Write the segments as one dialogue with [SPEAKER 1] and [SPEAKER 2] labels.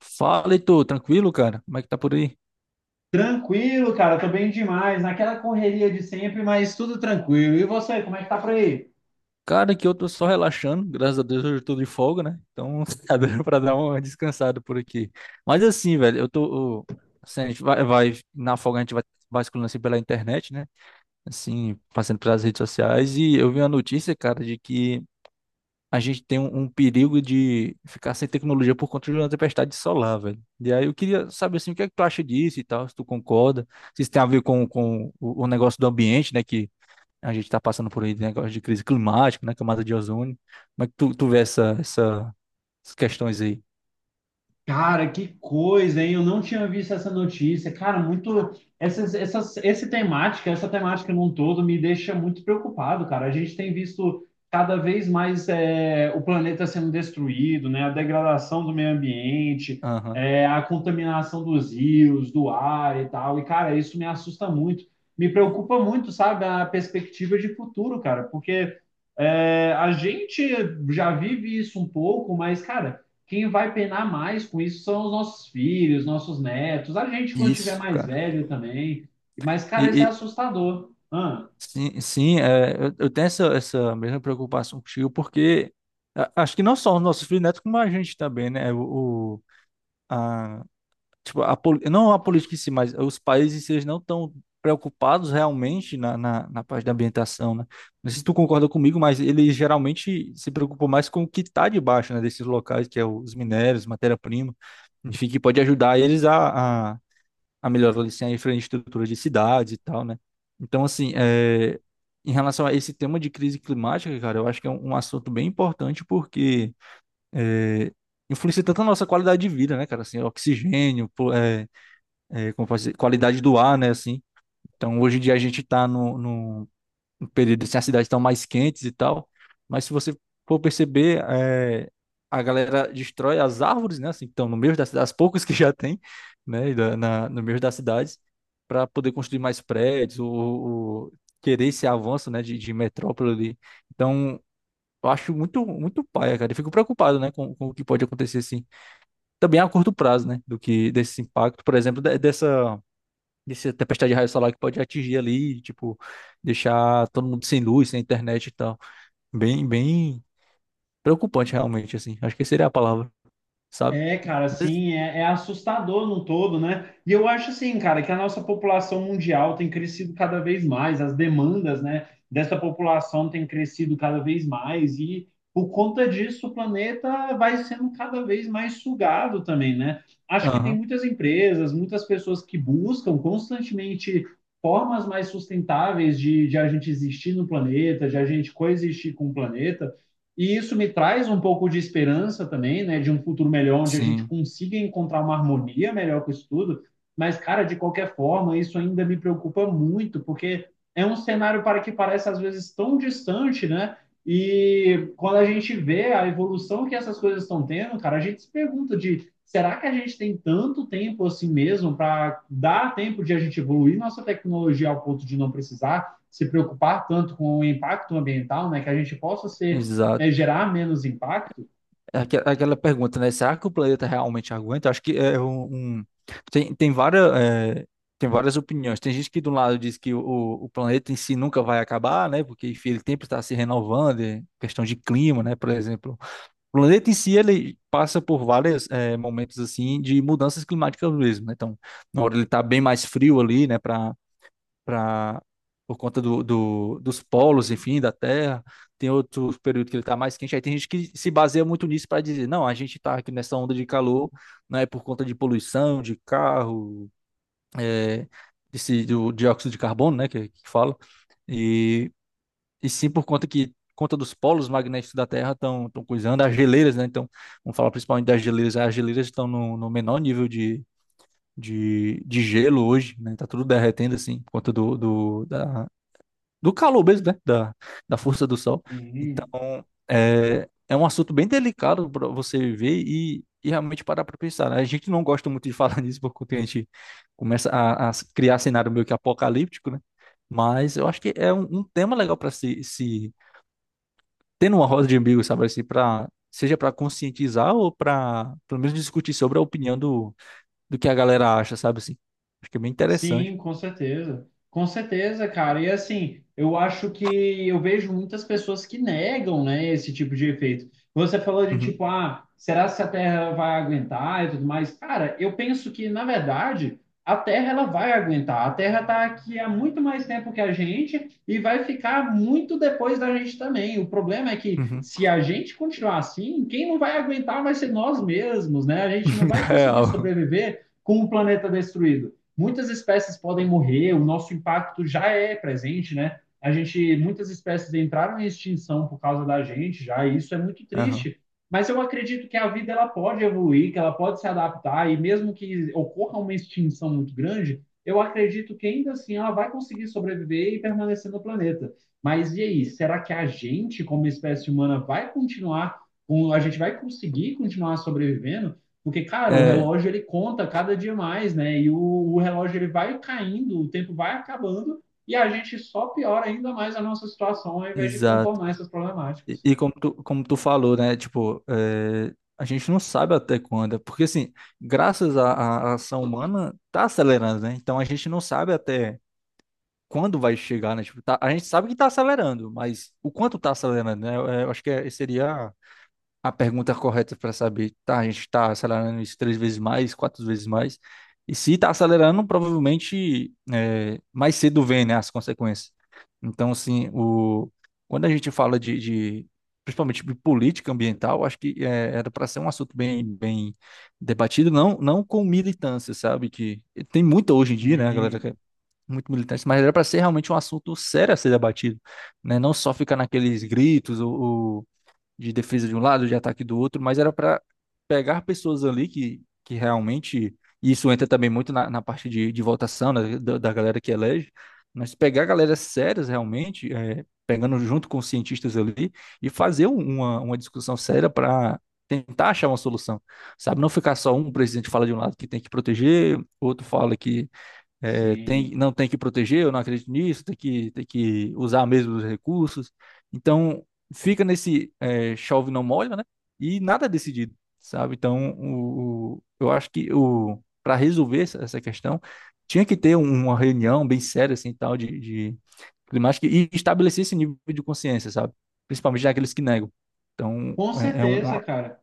[SPEAKER 1] Fala, Heitor, tranquilo, cara? Como é que tá por aí?
[SPEAKER 2] Tranquilo, cara, tô bem demais, naquela correria de sempre, mas tudo tranquilo. E você, como é que tá por aí?
[SPEAKER 1] Cara, aqui eu tô só relaxando, graças a Deus hoje eu tô de folga, né? Então tá dando pra dar uma descansada por aqui. Mas assim, velho, eu tô. Assim, a gente na folga a gente vai vasculhando assim pela internet, né? Assim, passando pelas redes sociais e eu vi uma notícia, cara, de que a gente tem um perigo de ficar sem tecnologia por conta de uma tempestade solar, velho. E aí eu queria saber, assim, o que é que tu acha disso e tal, se tu concorda, se isso tem a ver com o negócio do ambiente, né? Que A gente está passando por aí de negócio de crise climática, né? Camada de ozônio. Como é que tu vê essas questões aí?
[SPEAKER 2] Cara, que coisa, hein? Eu não tinha visto essa notícia. Cara, muito. Essa temática num todo me deixa muito preocupado, cara. A gente tem visto cada vez mais é, o planeta sendo destruído, né? A degradação do meio ambiente,
[SPEAKER 1] Aham.
[SPEAKER 2] é, a contaminação dos rios, do ar e tal. E, cara, isso me assusta muito. Me preocupa muito, sabe, a perspectiva de futuro, cara, porque é, a gente já vive isso um pouco, mas, cara. Quem vai penar mais com isso são os nossos filhos, nossos netos, a gente quando tiver
[SPEAKER 1] Isso,
[SPEAKER 2] mais
[SPEAKER 1] cara.
[SPEAKER 2] velho também. Mas,
[SPEAKER 1] E,
[SPEAKER 2] cara, isso é
[SPEAKER 1] e-
[SPEAKER 2] assustador. Ah,
[SPEAKER 1] sim, sim, eu tenho essa mesma preocupação contigo, porque acho que não só os nossos filhos netos, como a gente também, né? A- tipo, não a política em si, mas os países eles não estão preocupados realmente na parte da ambientação, né? Não sei se tu concorda comigo, mas eles geralmente se preocupam mais com o que está debaixo, né, desses locais, que é os minérios, matéria-prima, enfim, que pode ajudar eles a melhorar assim, a infraestrutura de cidades e tal, né? Então, assim, é, em relação a esse tema de crise climática, cara, eu acho que é um assunto bem importante porque é, influencia tanto a nossa qualidade de vida, né, cara? Assim, oxigênio, pô, como posso dizer, qualidade do ar, né, assim. Então, hoje em dia a gente está no num num período assim, as cidades estão mais quentes e tal, mas se você for perceber, é, a galera destrói as árvores, né, assim, que estão no meio das cidades, as poucas que já tem, né, e no meio das cidades, para poder construir mais prédios, ou querer esse avanço, né, de metrópole ali. Então, eu acho muito paia, cara, eu fico preocupado, né, com o que pode acontecer, assim, também a curto prazo, né, do que desse impacto, por exemplo, dessa desse tempestade de raio solar que pode atingir ali, tipo, deixar todo mundo sem luz, sem internet e tal. Bem preocupante realmente, assim. Acho que seria a palavra, sabe?
[SPEAKER 2] é, cara,
[SPEAKER 1] Mas,
[SPEAKER 2] assim, é, é assustador num todo, né? E eu acho assim, cara, que a nossa população mundial tem crescido cada vez mais, as demandas, né, dessa população tem crescido cada vez mais e por conta disso o planeta vai sendo cada vez mais sugado também, né? Acho que tem
[SPEAKER 1] aham,
[SPEAKER 2] muitas empresas, muitas pessoas que buscam constantemente formas mais sustentáveis de a gente existir no planeta, de a gente coexistir com o planeta. E isso me traz um pouco de esperança também, né, de um futuro melhor, onde a gente
[SPEAKER 1] sim,
[SPEAKER 2] consiga encontrar uma harmonia melhor com isso tudo. Mas, cara, de qualquer forma, isso ainda me preocupa muito, porque é um cenário para que parece às vezes tão distante, né? E quando a gente vê a evolução que essas coisas estão tendo, cara, a gente se pergunta de será que a gente tem tanto tempo assim mesmo para dar tempo de a gente evoluir nossa tecnologia ao ponto de não precisar se preocupar tanto com o impacto ambiental, né? Que a gente possa ser, né,
[SPEAKER 1] exato.
[SPEAKER 2] gerar menos impacto,
[SPEAKER 1] É aquela pergunta, né? Será que o planeta realmente aguenta? Acho que é um. Tem várias... é, tem várias opiniões. Tem gente que do lado diz que o planeta em si nunca vai acabar, né? Porque enfim, ele sempre está se renovando, é questão de clima, né? Por exemplo, o planeta em si, ele passa por vários eh, momentos, assim, de mudanças climáticas mesmo, né? Então, na hora ele tá bem mais frio ali, né, pra, por conta do, dos polos, enfim, da Terra. Tem outro período que ele tá mais quente. Aí tem gente que se baseia muito nisso para dizer, não, a gente tá aqui nessa onda de calor, né, por conta de poluição, de carro, eh, desse, do dióxido de carbono, né, que fala. E e sim por conta que conta dos polos magnéticos da Terra estão coisando as geleiras, né? Então, vamos falar principalmente das geleiras. As geleiras estão no menor nível de gelo hoje, né? Tá tudo derretendo assim por conta do calor mesmo, né? Da, da força do Sol.
[SPEAKER 2] e
[SPEAKER 1] Então, é, é um assunto bem delicado para você ver e realmente parar para pensar, né? A gente não gosta muito de falar nisso porque a gente começa a criar cenário meio que apocalíptico, né? Mas eu acho que é um tema legal para se tendo uma roda de umbigo, sabe, assim, pra, seja para conscientizar ou para pelo menos discutir sobre a opinião do que a galera acha, sabe, assim. Acho que é bem interessante.
[SPEAKER 2] sim, com certeza. Com certeza, cara. E assim, eu acho que eu vejo muitas pessoas que negam, né, esse tipo de efeito. Você falou de
[SPEAKER 1] Uhum,
[SPEAKER 2] tipo, ah, será se a Terra vai aguentar e tudo mais? Cara, eu penso que, na verdade, a Terra ela vai aguentar. A Terra tá aqui há muito mais tempo que a gente e vai ficar muito depois da gente também. O problema é que
[SPEAKER 1] uhum.
[SPEAKER 2] se a gente continuar assim, quem não vai aguentar vai ser nós mesmos, né? A gente não vai conseguir
[SPEAKER 1] Real.
[SPEAKER 2] sobreviver com o planeta destruído, muitas espécies podem morrer, o nosso impacto já é presente, né? A gente, muitas espécies entraram em extinção por causa da gente, já, e isso é muito
[SPEAKER 1] Aham.
[SPEAKER 2] triste. Mas eu acredito que a vida ela pode evoluir, que ela pode se adaptar e mesmo que ocorra uma extinção muito grande, eu acredito que ainda assim ela vai conseguir sobreviver e permanecer no planeta. Mas e aí, será que a gente, como espécie humana, vai continuar, a gente vai conseguir continuar sobrevivendo? Porque, cara, o
[SPEAKER 1] É,
[SPEAKER 2] relógio ele conta cada dia mais, né? E o relógio ele vai caindo, o tempo vai acabando e a gente só piora ainda mais a nossa situação ao invés de
[SPEAKER 1] exato.
[SPEAKER 2] contornar essas
[SPEAKER 1] E,
[SPEAKER 2] problemáticas.
[SPEAKER 1] como como tu falou, né? Tipo, é, a gente não sabe até quando. É porque, assim, graças à ação humana, tá acelerando, né? Então a gente não sabe até quando vai chegar, né? Tipo, a gente sabe que tá acelerando, mas o quanto tá acelerando, né? Eu acho que seria a pergunta correta para saber, tá, a gente está acelerando isso três vezes mais, quatro vezes mais, e se está acelerando, provavelmente é, mais cedo vem, né, as consequências. Então, assim, o, quando a gente fala principalmente de política ambiental, acho que é, era para ser um assunto bem debatido, não com militância, sabe, que tem muita hoje em dia, né, a galera que
[SPEAKER 2] Sim,
[SPEAKER 1] é muito militante, mas era para ser realmente um assunto sério a ser debatido, né, não só ficar naqueles gritos ou de defesa de um lado, de ataque do outro, mas era para pegar pessoas ali que realmente. E isso entra também muito na parte de votação, né, da galera que elege, mas pegar galera sérias realmente, é, pegando junto com os cientistas ali, e fazer uma discussão séria para tentar achar uma solução, sabe? Não ficar só um presidente fala de um lado que tem que proteger, outro fala que é, tem,
[SPEAKER 2] sim.
[SPEAKER 1] não tem que proteger, eu não acredito nisso, tem tem que usar mesmo os recursos. Então, fica nesse é, chove não molha, né? E nada é decidido, sabe? Então, eu acho que o para resolver essa questão, tinha que ter um, uma reunião bem séria, assim, tal, de climática e estabelecer esse nível de consciência, sabe? Principalmente daqueles que negam. Então,
[SPEAKER 2] Com
[SPEAKER 1] é, é
[SPEAKER 2] certeza, cara.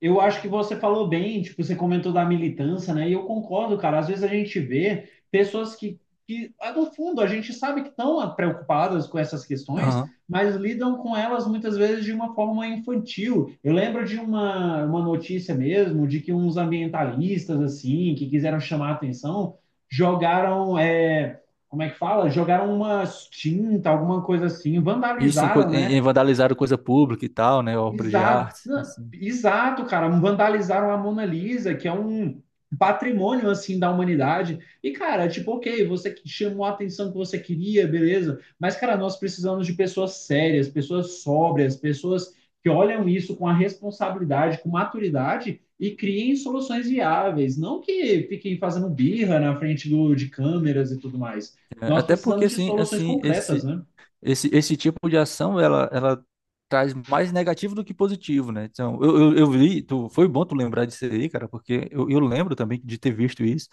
[SPEAKER 2] Eu acho, que você falou bem, tipo, você comentou da militância, né? E eu concordo, cara. Às vezes a gente vê pessoas que ah, no fundo, a gente sabe que estão preocupadas com essas questões,
[SPEAKER 1] aham.
[SPEAKER 2] mas lidam com elas muitas vezes de uma forma infantil. Eu lembro de uma notícia mesmo de que uns ambientalistas, assim, que quiseram chamar a atenção, jogaram, é, como é que fala? Jogaram uma tinta, alguma coisa assim,
[SPEAKER 1] Isso em,
[SPEAKER 2] vandalizaram, né?
[SPEAKER 1] em vandalizar coisa pública e tal, né? Obras de
[SPEAKER 2] Exato,
[SPEAKER 1] arte,
[SPEAKER 2] não,
[SPEAKER 1] assim.
[SPEAKER 2] exato, cara. Vandalizaram a Mona Lisa, que é um patrimônio assim da humanidade. E, cara, tipo, ok, você que chamou a atenção que você queria, beleza. Mas, cara, nós precisamos de pessoas sérias, pessoas sóbrias, pessoas que olham isso com a responsabilidade, com maturidade e criem soluções viáveis, não que fiquem fazendo birra na frente do, de câmeras e tudo mais.
[SPEAKER 1] É,
[SPEAKER 2] Nós
[SPEAKER 1] até porque
[SPEAKER 2] precisamos de
[SPEAKER 1] assim,
[SPEAKER 2] soluções
[SPEAKER 1] assim,
[SPEAKER 2] concretas, né?
[SPEAKER 1] esse tipo de ação ela traz mais negativo do que positivo, né? Então, eu vi, tu, foi bom tu lembrar disso aí, cara, porque eu lembro também de ter visto isso.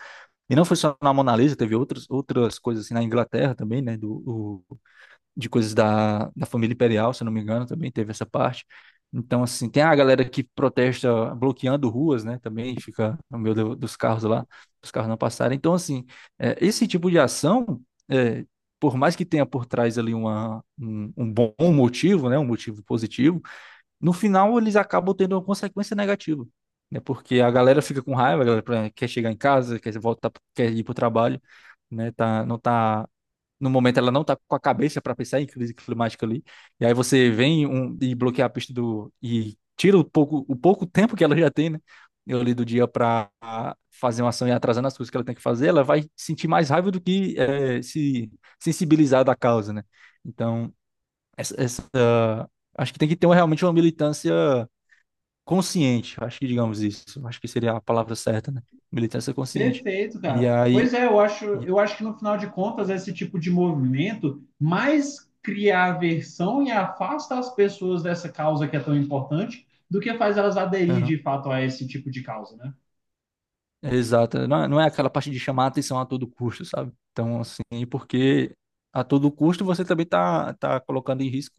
[SPEAKER 1] E não foi só na Mona Lisa, teve outras coisas assim na Inglaterra também, né, de coisas da família imperial, se eu não me engano, também teve essa parte. Então, assim, tem a galera que protesta bloqueando ruas, né? Também fica no meio dos carros lá, os carros não passarem. Então, assim, é, esse tipo de ação, é, por mais que tenha por trás ali um bom motivo, né? Um motivo positivo, no final eles acabam tendo uma consequência negativa. Né, porque a galera fica com raiva, a galera quer chegar em casa, quer voltar, quer ir para o trabalho, né? Tá, no momento ela não está com a cabeça para pensar em crise climática ali. E aí você vem um, e bloqueia a pista do e tira o pouco tempo que ela já tem, né? Eu li do dia para fazer uma ação e atrasando as coisas que ela tem que fazer, ela vai sentir mais raiva do que eh, se sensibilizar da causa, né? Então, essa, essa- acho que tem que ter realmente uma militância consciente, acho que digamos isso, acho que seria a palavra certa, né? Militância consciente.
[SPEAKER 2] Perfeito,
[SPEAKER 1] E
[SPEAKER 2] cara.
[SPEAKER 1] aí,
[SPEAKER 2] Pois é, eu acho,
[SPEAKER 1] e-
[SPEAKER 2] eu acho que no final de contas, esse tipo de movimento mais cria aversão e afasta as pessoas dessa causa que é tão importante do que faz elas aderir
[SPEAKER 1] aham.
[SPEAKER 2] de fato a esse tipo de causa, né?
[SPEAKER 1] Exato. Não, não é aquela parte de chamar a atenção a todo custo, sabe? Então, assim, porque a todo custo você também tá colocando em risco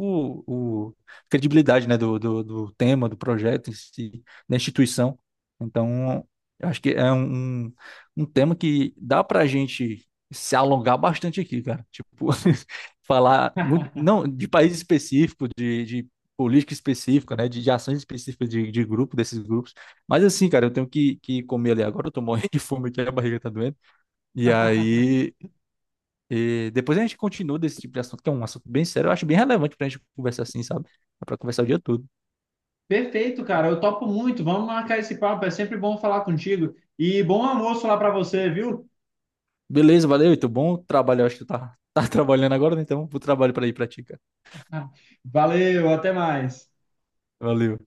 [SPEAKER 1] a credibilidade, né, do tema, do projeto, em si, da instituição. Então, eu acho que é um tema que dá pra gente se alongar bastante aqui, cara. Tipo, falar muito, não, de país específico, de política específica, né, de ações específicas de grupo, desses grupos. Mas assim, cara, eu tenho que comer ali agora, eu tô morrendo de fome aqui, a barriga tá doendo. E aí, eh, depois a gente continua desse tipo de assunto, que é um assunto bem sério, eu acho bem relevante pra gente conversar assim, sabe? Dá pra conversar o dia todo.
[SPEAKER 2] Perfeito, cara. Eu topo muito. Vamos marcar esse papo. É sempre bom falar contigo. E bom almoço lá para você, viu?
[SPEAKER 1] Beleza, valeu, Heitor, bom trabalho, eu acho que tu tá, tá trabalhando agora, né? Então, bom trabalho pra ir pra ti, cara.
[SPEAKER 2] Valeu, até mais.
[SPEAKER 1] Valeu.